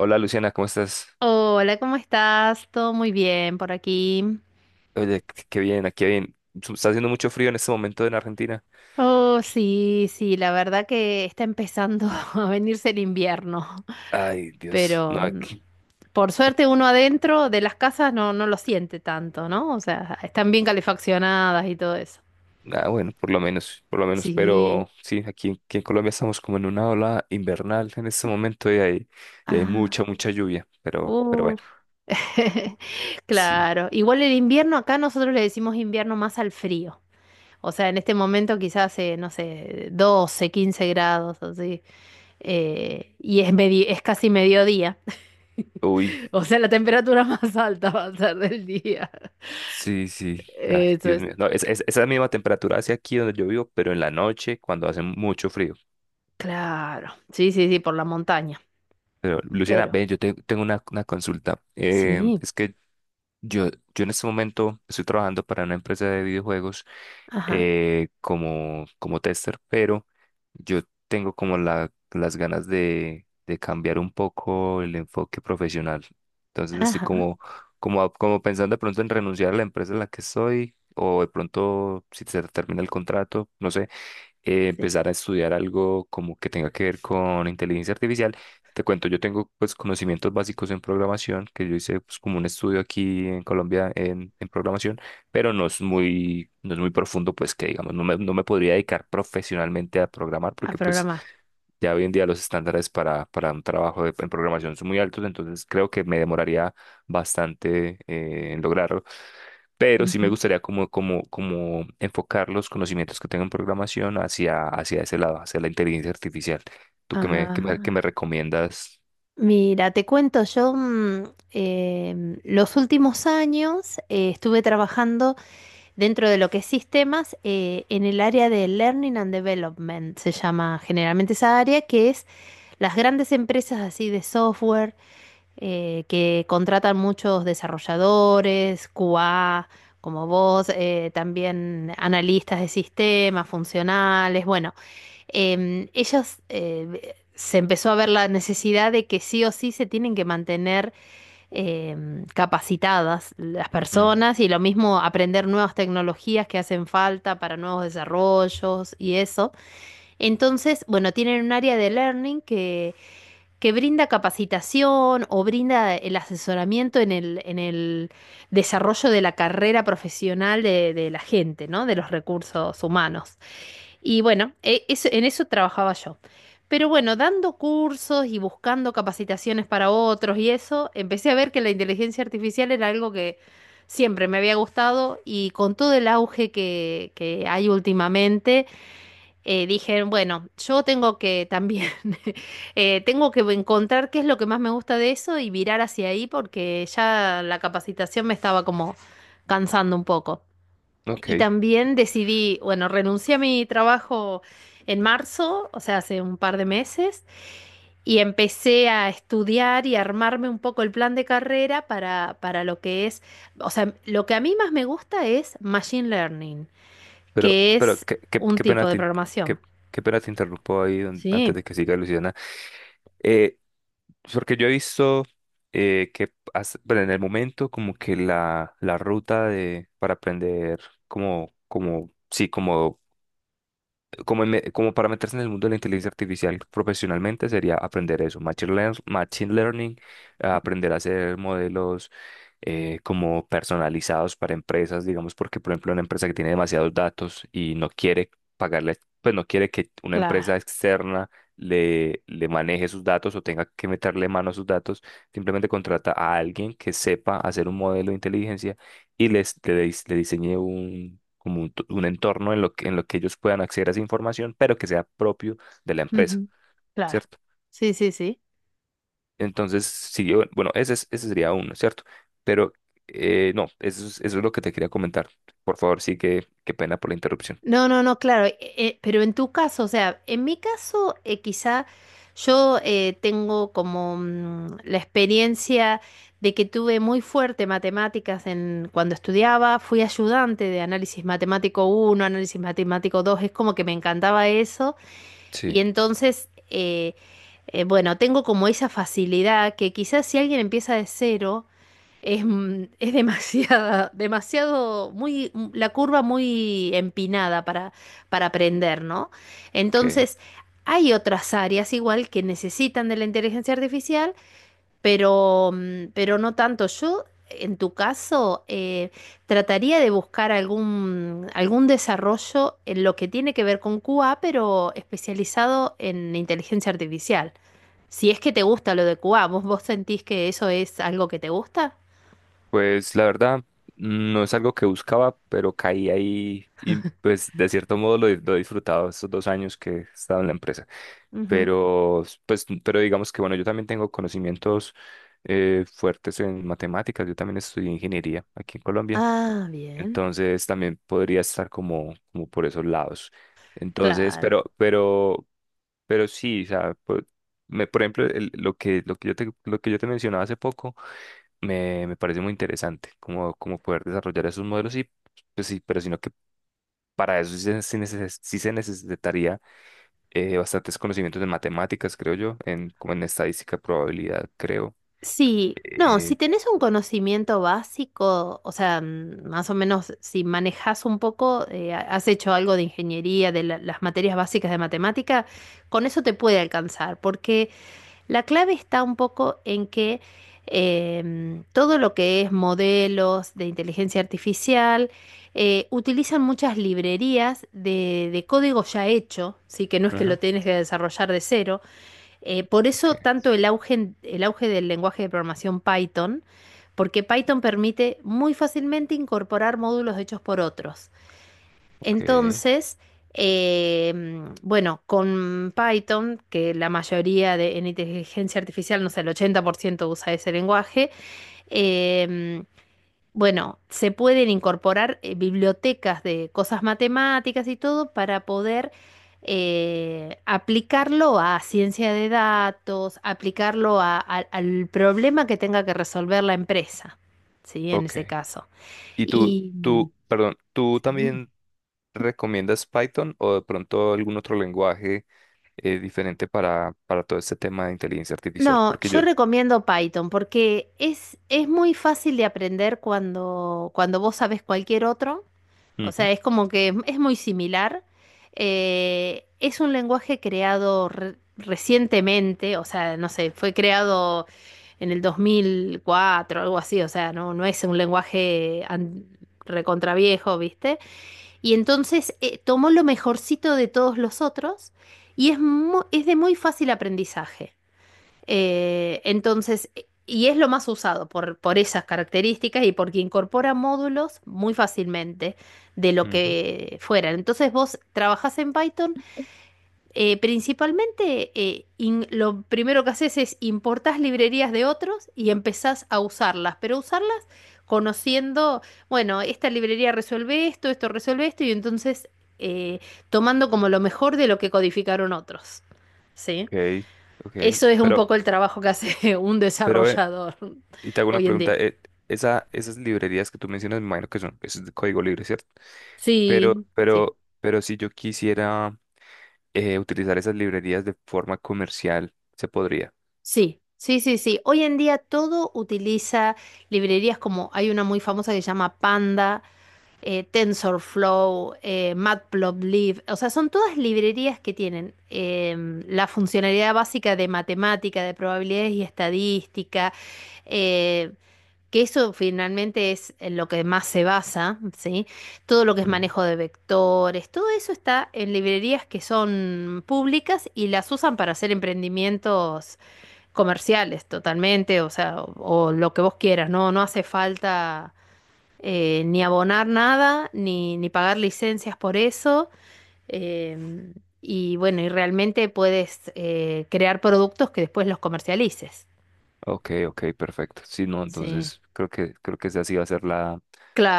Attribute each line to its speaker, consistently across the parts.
Speaker 1: Hola, Luciana, ¿cómo estás?
Speaker 2: Hola, ¿cómo estás? Todo muy bien por aquí.
Speaker 1: Oye, qué bien, aquí bien. Está haciendo mucho frío en este momento en Argentina.
Speaker 2: Oh, sí, sí, la verdad que está empezando a venirse el invierno,
Speaker 1: Ay, Dios.
Speaker 2: pero
Speaker 1: No, aquí.
Speaker 2: por
Speaker 1: aquí-
Speaker 2: suerte uno adentro de las casas no lo siente tanto, ¿no? O sea, están bien calefaccionadas y todo eso.
Speaker 1: Ah, bueno, por lo menos, por lo menos.
Speaker 2: Sí.
Speaker 1: Pero sí, aquí en Colombia estamos como en una ola invernal en este momento y hay
Speaker 2: Ah,
Speaker 1: mucha, mucha lluvia. Pero bueno,
Speaker 2: uff.
Speaker 1: sí.
Speaker 2: Claro. Igual el invierno, acá nosotros le decimos invierno más al frío. O sea, en este momento quizás, no sé, 12, 15 grados, así. Es casi mediodía.
Speaker 1: Uy,
Speaker 2: O sea, la temperatura más alta va a ser del día.
Speaker 1: sí, sí. Ay,
Speaker 2: Eso
Speaker 1: Dios
Speaker 2: es
Speaker 1: mío. No, esa misma temperatura hacia aquí donde yo vivo, pero en la noche cuando hace mucho frío.
Speaker 2: claro. Sí, sí, sí, por la montaña.
Speaker 1: Pero, Luciana,
Speaker 2: Pero
Speaker 1: ven, tengo una consulta.
Speaker 2: sí,
Speaker 1: Es que Yo, yo en este momento estoy trabajando para una empresa de videojuegos,
Speaker 2: ajá,
Speaker 1: como, como tester, pero yo tengo como las ganas de cambiar un poco el enfoque profesional. Entonces estoy
Speaker 2: ajá,
Speaker 1: como, como, como pensando de pronto en renunciar a la empresa en la que estoy, o de pronto si se termina el contrato, no sé,
Speaker 2: sí,
Speaker 1: empezar a estudiar algo como que tenga que ver con inteligencia artificial. Te cuento, yo tengo pues conocimientos básicos en programación, que yo hice pues como un estudio aquí en Colombia en programación, pero no es muy profundo, pues que digamos, no me podría dedicar profesionalmente a programar,
Speaker 2: a
Speaker 1: porque pues
Speaker 2: programar.
Speaker 1: ya hoy en día los estándares para un trabajo en programación son muy altos, entonces creo que me demoraría bastante, en lograrlo, pero sí me
Speaker 2: Ujú.
Speaker 1: gustaría como, como, como enfocar los conocimientos que tengo en programación hacia, hacia ese lado, hacia la inteligencia artificial. ¿Tú qué
Speaker 2: Ah,
Speaker 1: me recomiendas?
Speaker 2: mira, te cuento, yo los últimos años estuve trabajando dentro de lo que es sistemas, en el área de Learning and Development, se llama generalmente esa área, que es las grandes empresas así de software que contratan muchos desarrolladores, QA, como vos, también analistas de sistemas, funcionales, bueno, ellos se empezó a ver la necesidad de que sí o sí se tienen que mantener eh, capacitadas las
Speaker 1: Mm,
Speaker 2: personas y lo mismo aprender nuevas tecnologías que hacen falta para nuevos desarrollos y eso. Entonces, bueno, tienen un área de learning que brinda capacitación o brinda el asesoramiento en el desarrollo de la carrera profesional de la gente, ¿no? De los recursos humanos. Y bueno, en eso trabajaba yo. Pero bueno, dando cursos y buscando capacitaciones para otros y eso, empecé a ver que la inteligencia artificial era algo que siempre me había gustado y con todo el auge que hay últimamente, dije, bueno, yo tengo que también, tengo que encontrar qué es lo que más me gusta de eso y virar hacia ahí porque ya la capacitación me estaba como cansando un poco.
Speaker 1: ok,
Speaker 2: Y también decidí, bueno, renuncié a mi trabajo en marzo, o sea, hace un par de meses, y empecé a estudiar y a armarme un poco el plan de carrera para lo que es, o sea, lo que a mí más me gusta es Machine Learning, que
Speaker 1: pero
Speaker 2: es un
Speaker 1: qué
Speaker 2: tipo
Speaker 1: pena
Speaker 2: de programación.
Speaker 1: qué, qué pena te interrumpo ahí
Speaker 2: Sí,
Speaker 1: antes de que siga, Luciana. Eh, Porque yo he visto, que bueno, en el momento como que la ruta de, para aprender como, como, sí, como como, en como para meterse en el mundo de la inteligencia artificial profesionalmente sería aprender eso, machine learning, a aprender a hacer modelos, como personalizados para empresas, digamos, porque por ejemplo una empresa que tiene demasiados datos y no quiere pagarle, pues no quiere que una empresa
Speaker 2: claro.
Speaker 1: externa le maneje sus datos o tenga que meterle mano a sus datos, simplemente contrata a alguien que sepa hacer un modelo de inteligencia y le diseñé un, como un, un entorno en lo que ellos puedan acceder a esa información, pero que sea propio de la empresa,
Speaker 2: Ujú, claro.
Speaker 1: ¿cierto?
Speaker 2: Sí, sí, sí.
Speaker 1: Entonces, sí, bueno, ese sería uno, ¿cierto? Pero no, eso es lo que te quería comentar. Por favor, sí, que, qué pena por la interrupción.
Speaker 2: No, no, no, claro, pero en tu caso, o sea, en mi caso, quizá yo tengo como la experiencia de que tuve muy fuerte matemáticas en, cuando estudiaba, fui ayudante de análisis matemático uno, análisis matemático 2. Es como que me encantaba eso,
Speaker 1: Sí,
Speaker 2: y entonces, bueno, tengo como esa facilidad que quizás si alguien empieza de cero, es demasiada, demasiado, muy, la curva muy empinada para aprender, ¿no?
Speaker 1: ok.
Speaker 2: Entonces, hay otras áreas igual que necesitan de la inteligencia artificial, pero, pero no tanto. Yo, en tu caso, trataría de buscar algún, algún desarrollo en lo que tiene que ver con QA, pero especializado en inteligencia artificial. Si es que te gusta lo de QA, ¿vos, vos sentís que eso es algo que te gusta?
Speaker 1: Pues la verdad, no es algo que buscaba, pero caí ahí y pues de cierto modo lo he disfrutado estos dos años que he estado en la empresa. Pero pues, pero digamos que bueno, yo también tengo conocimientos, fuertes en matemáticas, yo también estudié ingeniería aquí en Colombia,
Speaker 2: Ah, bien,
Speaker 1: entonces también podría estar como como por esos lados. Entonces,
Speaker 2: claro.
Speaker 1: pero pero sí, o sea, me, por ejemplo, lo que lo que yo te mencionaba hace poco me, me parece muy interesante como como poder desarrollar esos modelos, y pues sí, pero sino que para eso sí sí se necesitaría, bastantes conocimientos en matemáticas, creo yo, en, como en estadística, probabilidad, creo.
Speaker 2: Sí, no,
Speaker 1: Eh,
Speaker 2: si tenés un conocimiento básico, o sea, más o menos si manejás un poco, has hecho algo de ingeniería, de las materias básicas de matemática, con eso te puede alcanzar, porque la clave está un poco en que todo lo que es modelos de inteligencia artificial, utilizan muchas librerías de código ya hecho, sí, que no es que
Speaker 1: ujú.
Speaker 2: lo tienes que desarrollar de cero. Por
Speaker 1: Ok,
Speaker 2: eso tanto el auge del lenguaje de programación Python, porque Python permite muy fácilmente incorporar módulos hechos por otros.
Speaker 1: ok,
Speaker 2: Entonces, eh, bueno, con Python, que la mayoría de, en inteligencia artificial, no sé, el 80% usa ese lenguaje, eh, bueno, se pueden incorporar bibliotecas de cosas matemáticas y todo para poder aplicarlo a ciencia de datos, aplicarlo al problema que tenga que resolver la empresa, ¿sí? En ese
Speaker 1: ok.
Speaker 2: caso.
Speaker 1: ¿Y
Speaker 2: Y
Speaker 1: perdón, tú
Speaker 2: sí.
Speaker 1: también recomiendas Python, o de pronto algún otro lenguaje, diferente para todo este tema de inteligencia artificial?
Speaker 2: No,
Speaker 1: Porque
Speaker 2: yo
Speaker 1: yo...
Speaker 2: recomiendo Python porque es muy fácil de aprender cuando, cuando vos sabés cualquier otro. O
Speaker 1: Ujú,
Speaker 2: sea, es como que es muy similar. Es un lenguaje creado recientemente, o sea, no sé, fue creado en el 2004, algo así, o sea, no, no es un lenguaje recontraviejo, ¿viste? Y entonces tomó lo mejorcito de todos los otros y es de muy fácil aprendizaje. Entonces, y es lo más usado por esas características y porque incorpora módulos muy fácilmente de lo
Speaker 1: ujú,
Speaker 2: que fueran. Entonces vos trabajás en Python, principalmente lo primero que haces es importás librerías de otros y empezás a usarlas, pero usarlas conociendo, bueno, esta librería resuelve esto, esto resuelve esto, y entonces eh, tomando como lo mejor de lo que codificaron otros. ¿Sí?
Speaker 1: ok, ok.
Speaker 2: Eso es un
Speaker 1: Pero,
Speaker 2: poco el trabajo que hace un
Speaker 1: pero ven,
Speaker 2: desarrollador
Speaker 1: y te hago una
Speaker 2: hoy en día.
Speaker 1: pregunta, esas librerías que tú mencionas, me imagino que son, eso es de código libre, ¿cierto?
Speaker 2: Sí, sí,
Speaker 1: Pero si yo quisiera, utilizar esas librerías de forma comercial, se podría.
Speaker 2: sí, sí, sí, sí. Hoy en día todo utiliza librerías, como hay una muy famosa que se llama Panda, TensorFlow, Matplotlib. O sea, son todas librerías que tienen la funcionalidad básica de matemática, de probabilidades y estadística. eh, que eso finalmente es en lo que más se basa, ¿sí? Todo lo que es
Speaker 1: Ujú.
Speaker 2: manejo de vectores, todo eso está en librerías que son públicas y las usan para hacer emprendimientos comerciales totalmente, o sea, o lo que vos quieras, ¿no? No hace falta ni abonar nada, ni pagar licencias por eso. em, y bueno, y realmente puedes crear productos que después los comercialices.
Speaker 1: Ok, ok, perfecto. Si no,
Speaker 2: Sí.
Speaker 1: entonces creo que esa sí va a ser la,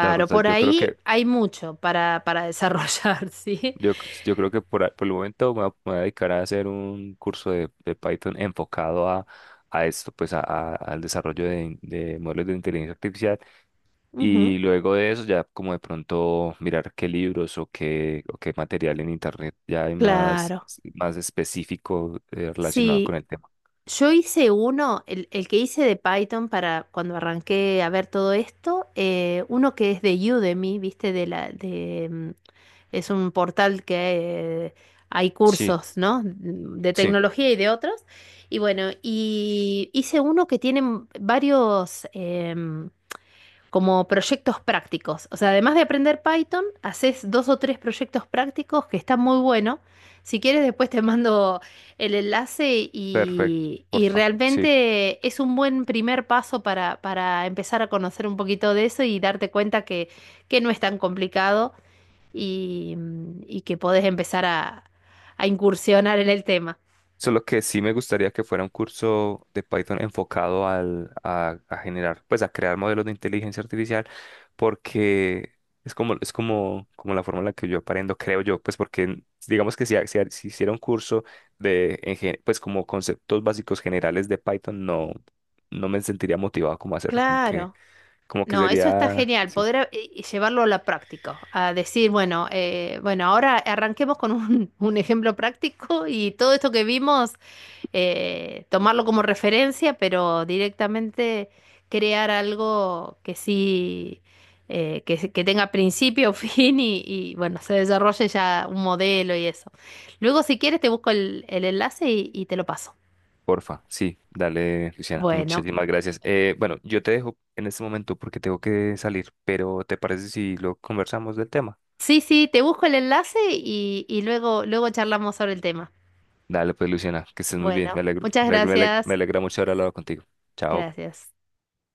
Speaker 1: la ruta.
Speaker 2: por ahí hay mucho para desarrollar, ¿sí?
Speaker 1: Yo, yo creo que por, por el momento me voy a dedicar a hacer un curso de Python enfocado a esto, pues a, al desarrollo de, de modelos de inteligencia artificial.
Speaker 2: Ujú.
Speaker 1: Y luego de eso ya como de pronto mirar qué libros o qué material en internet ya hay más,
Speaker 2: Claro.
Speaker 1: más específico, relacionado con
Speaker 2: Sí,
Speaker 1: el tema.
Speaker 2: yo hice uno, el que hice de Python para cuando arranqué a ver todo esto, uno que es de Udemy, ¿viste? De la, de, mm, Es un portal que hay
Speaker 1: Sí,
Speaker 2: cursos, ¿no? De
Speaker 1: sí,
Speaker 2: tecnología y de otros. Y bueno, y hice uno que tiene varios, como proyectos prácticos. O sea, además de aprender Python, haces dos o tres proyectos prácticos que están muy buenos. Si quieres, después te mando el enlace
Speaker 1: perfecto,
Speaker 2: y
Speaker 1: porfa. Sí.
Speaker 2: realmente es un buen primer paso para empezar a conocer un poquito de eso y darte cuenta que no es tan complicado y, y que podés empezar a incursionar en el tema.
Speaker 1: Solo que sí me gustaría que fuera un curso de Python enfocado al, a generar, pues a crear modelos de inteligencia artificial, porque es como, como la forma en la que yo aprendo, creo yo, pues porque digamos que si hiciera un curso de, en pues como conceptos básicos generales de Python, no, no me sentiría motivado como a hacerlo,
Speaker 2: Claro.
Speaker 1: como que
Speaker 2: No, eso está
Speaker 1: sería,
Speaker 2: genial,
Speaker 1: sí,
Speaker 2: poder llevarlo a la práctica, a decir, bueno, ahora arranquemos con un, un ejemplo práctico y todo esto que vimos, tomarlo como referencia, pero directamente crear algo que sí, que tenga principio, fin y, bueno, se desarrolle ya un modelo y eso. Luego, si quieres, te busco el enlace y te lo paso.
Speaker 1: porfa, sí, dale, Luciana,
Speaker 2: Bueno,
Speaker 1: muchísimas gracias. Bueno, yo te dejo en este momento porque tengo que salir, pero ¿te parece si lo conversamos del tema?
Speaker 2: sí, sí, te busco el enlace y luego charlamos sobre el tema.
Speaker 1: Dale, pues, Luciana, que estés muy bien, me
Speaker 2: Bueno,
Speaker 1: alegro,
Speaker 2: muchas gracias.
Speaker 1: me alegra mucho haber hablado contigo. Chao.
Speaker 2: Gracias.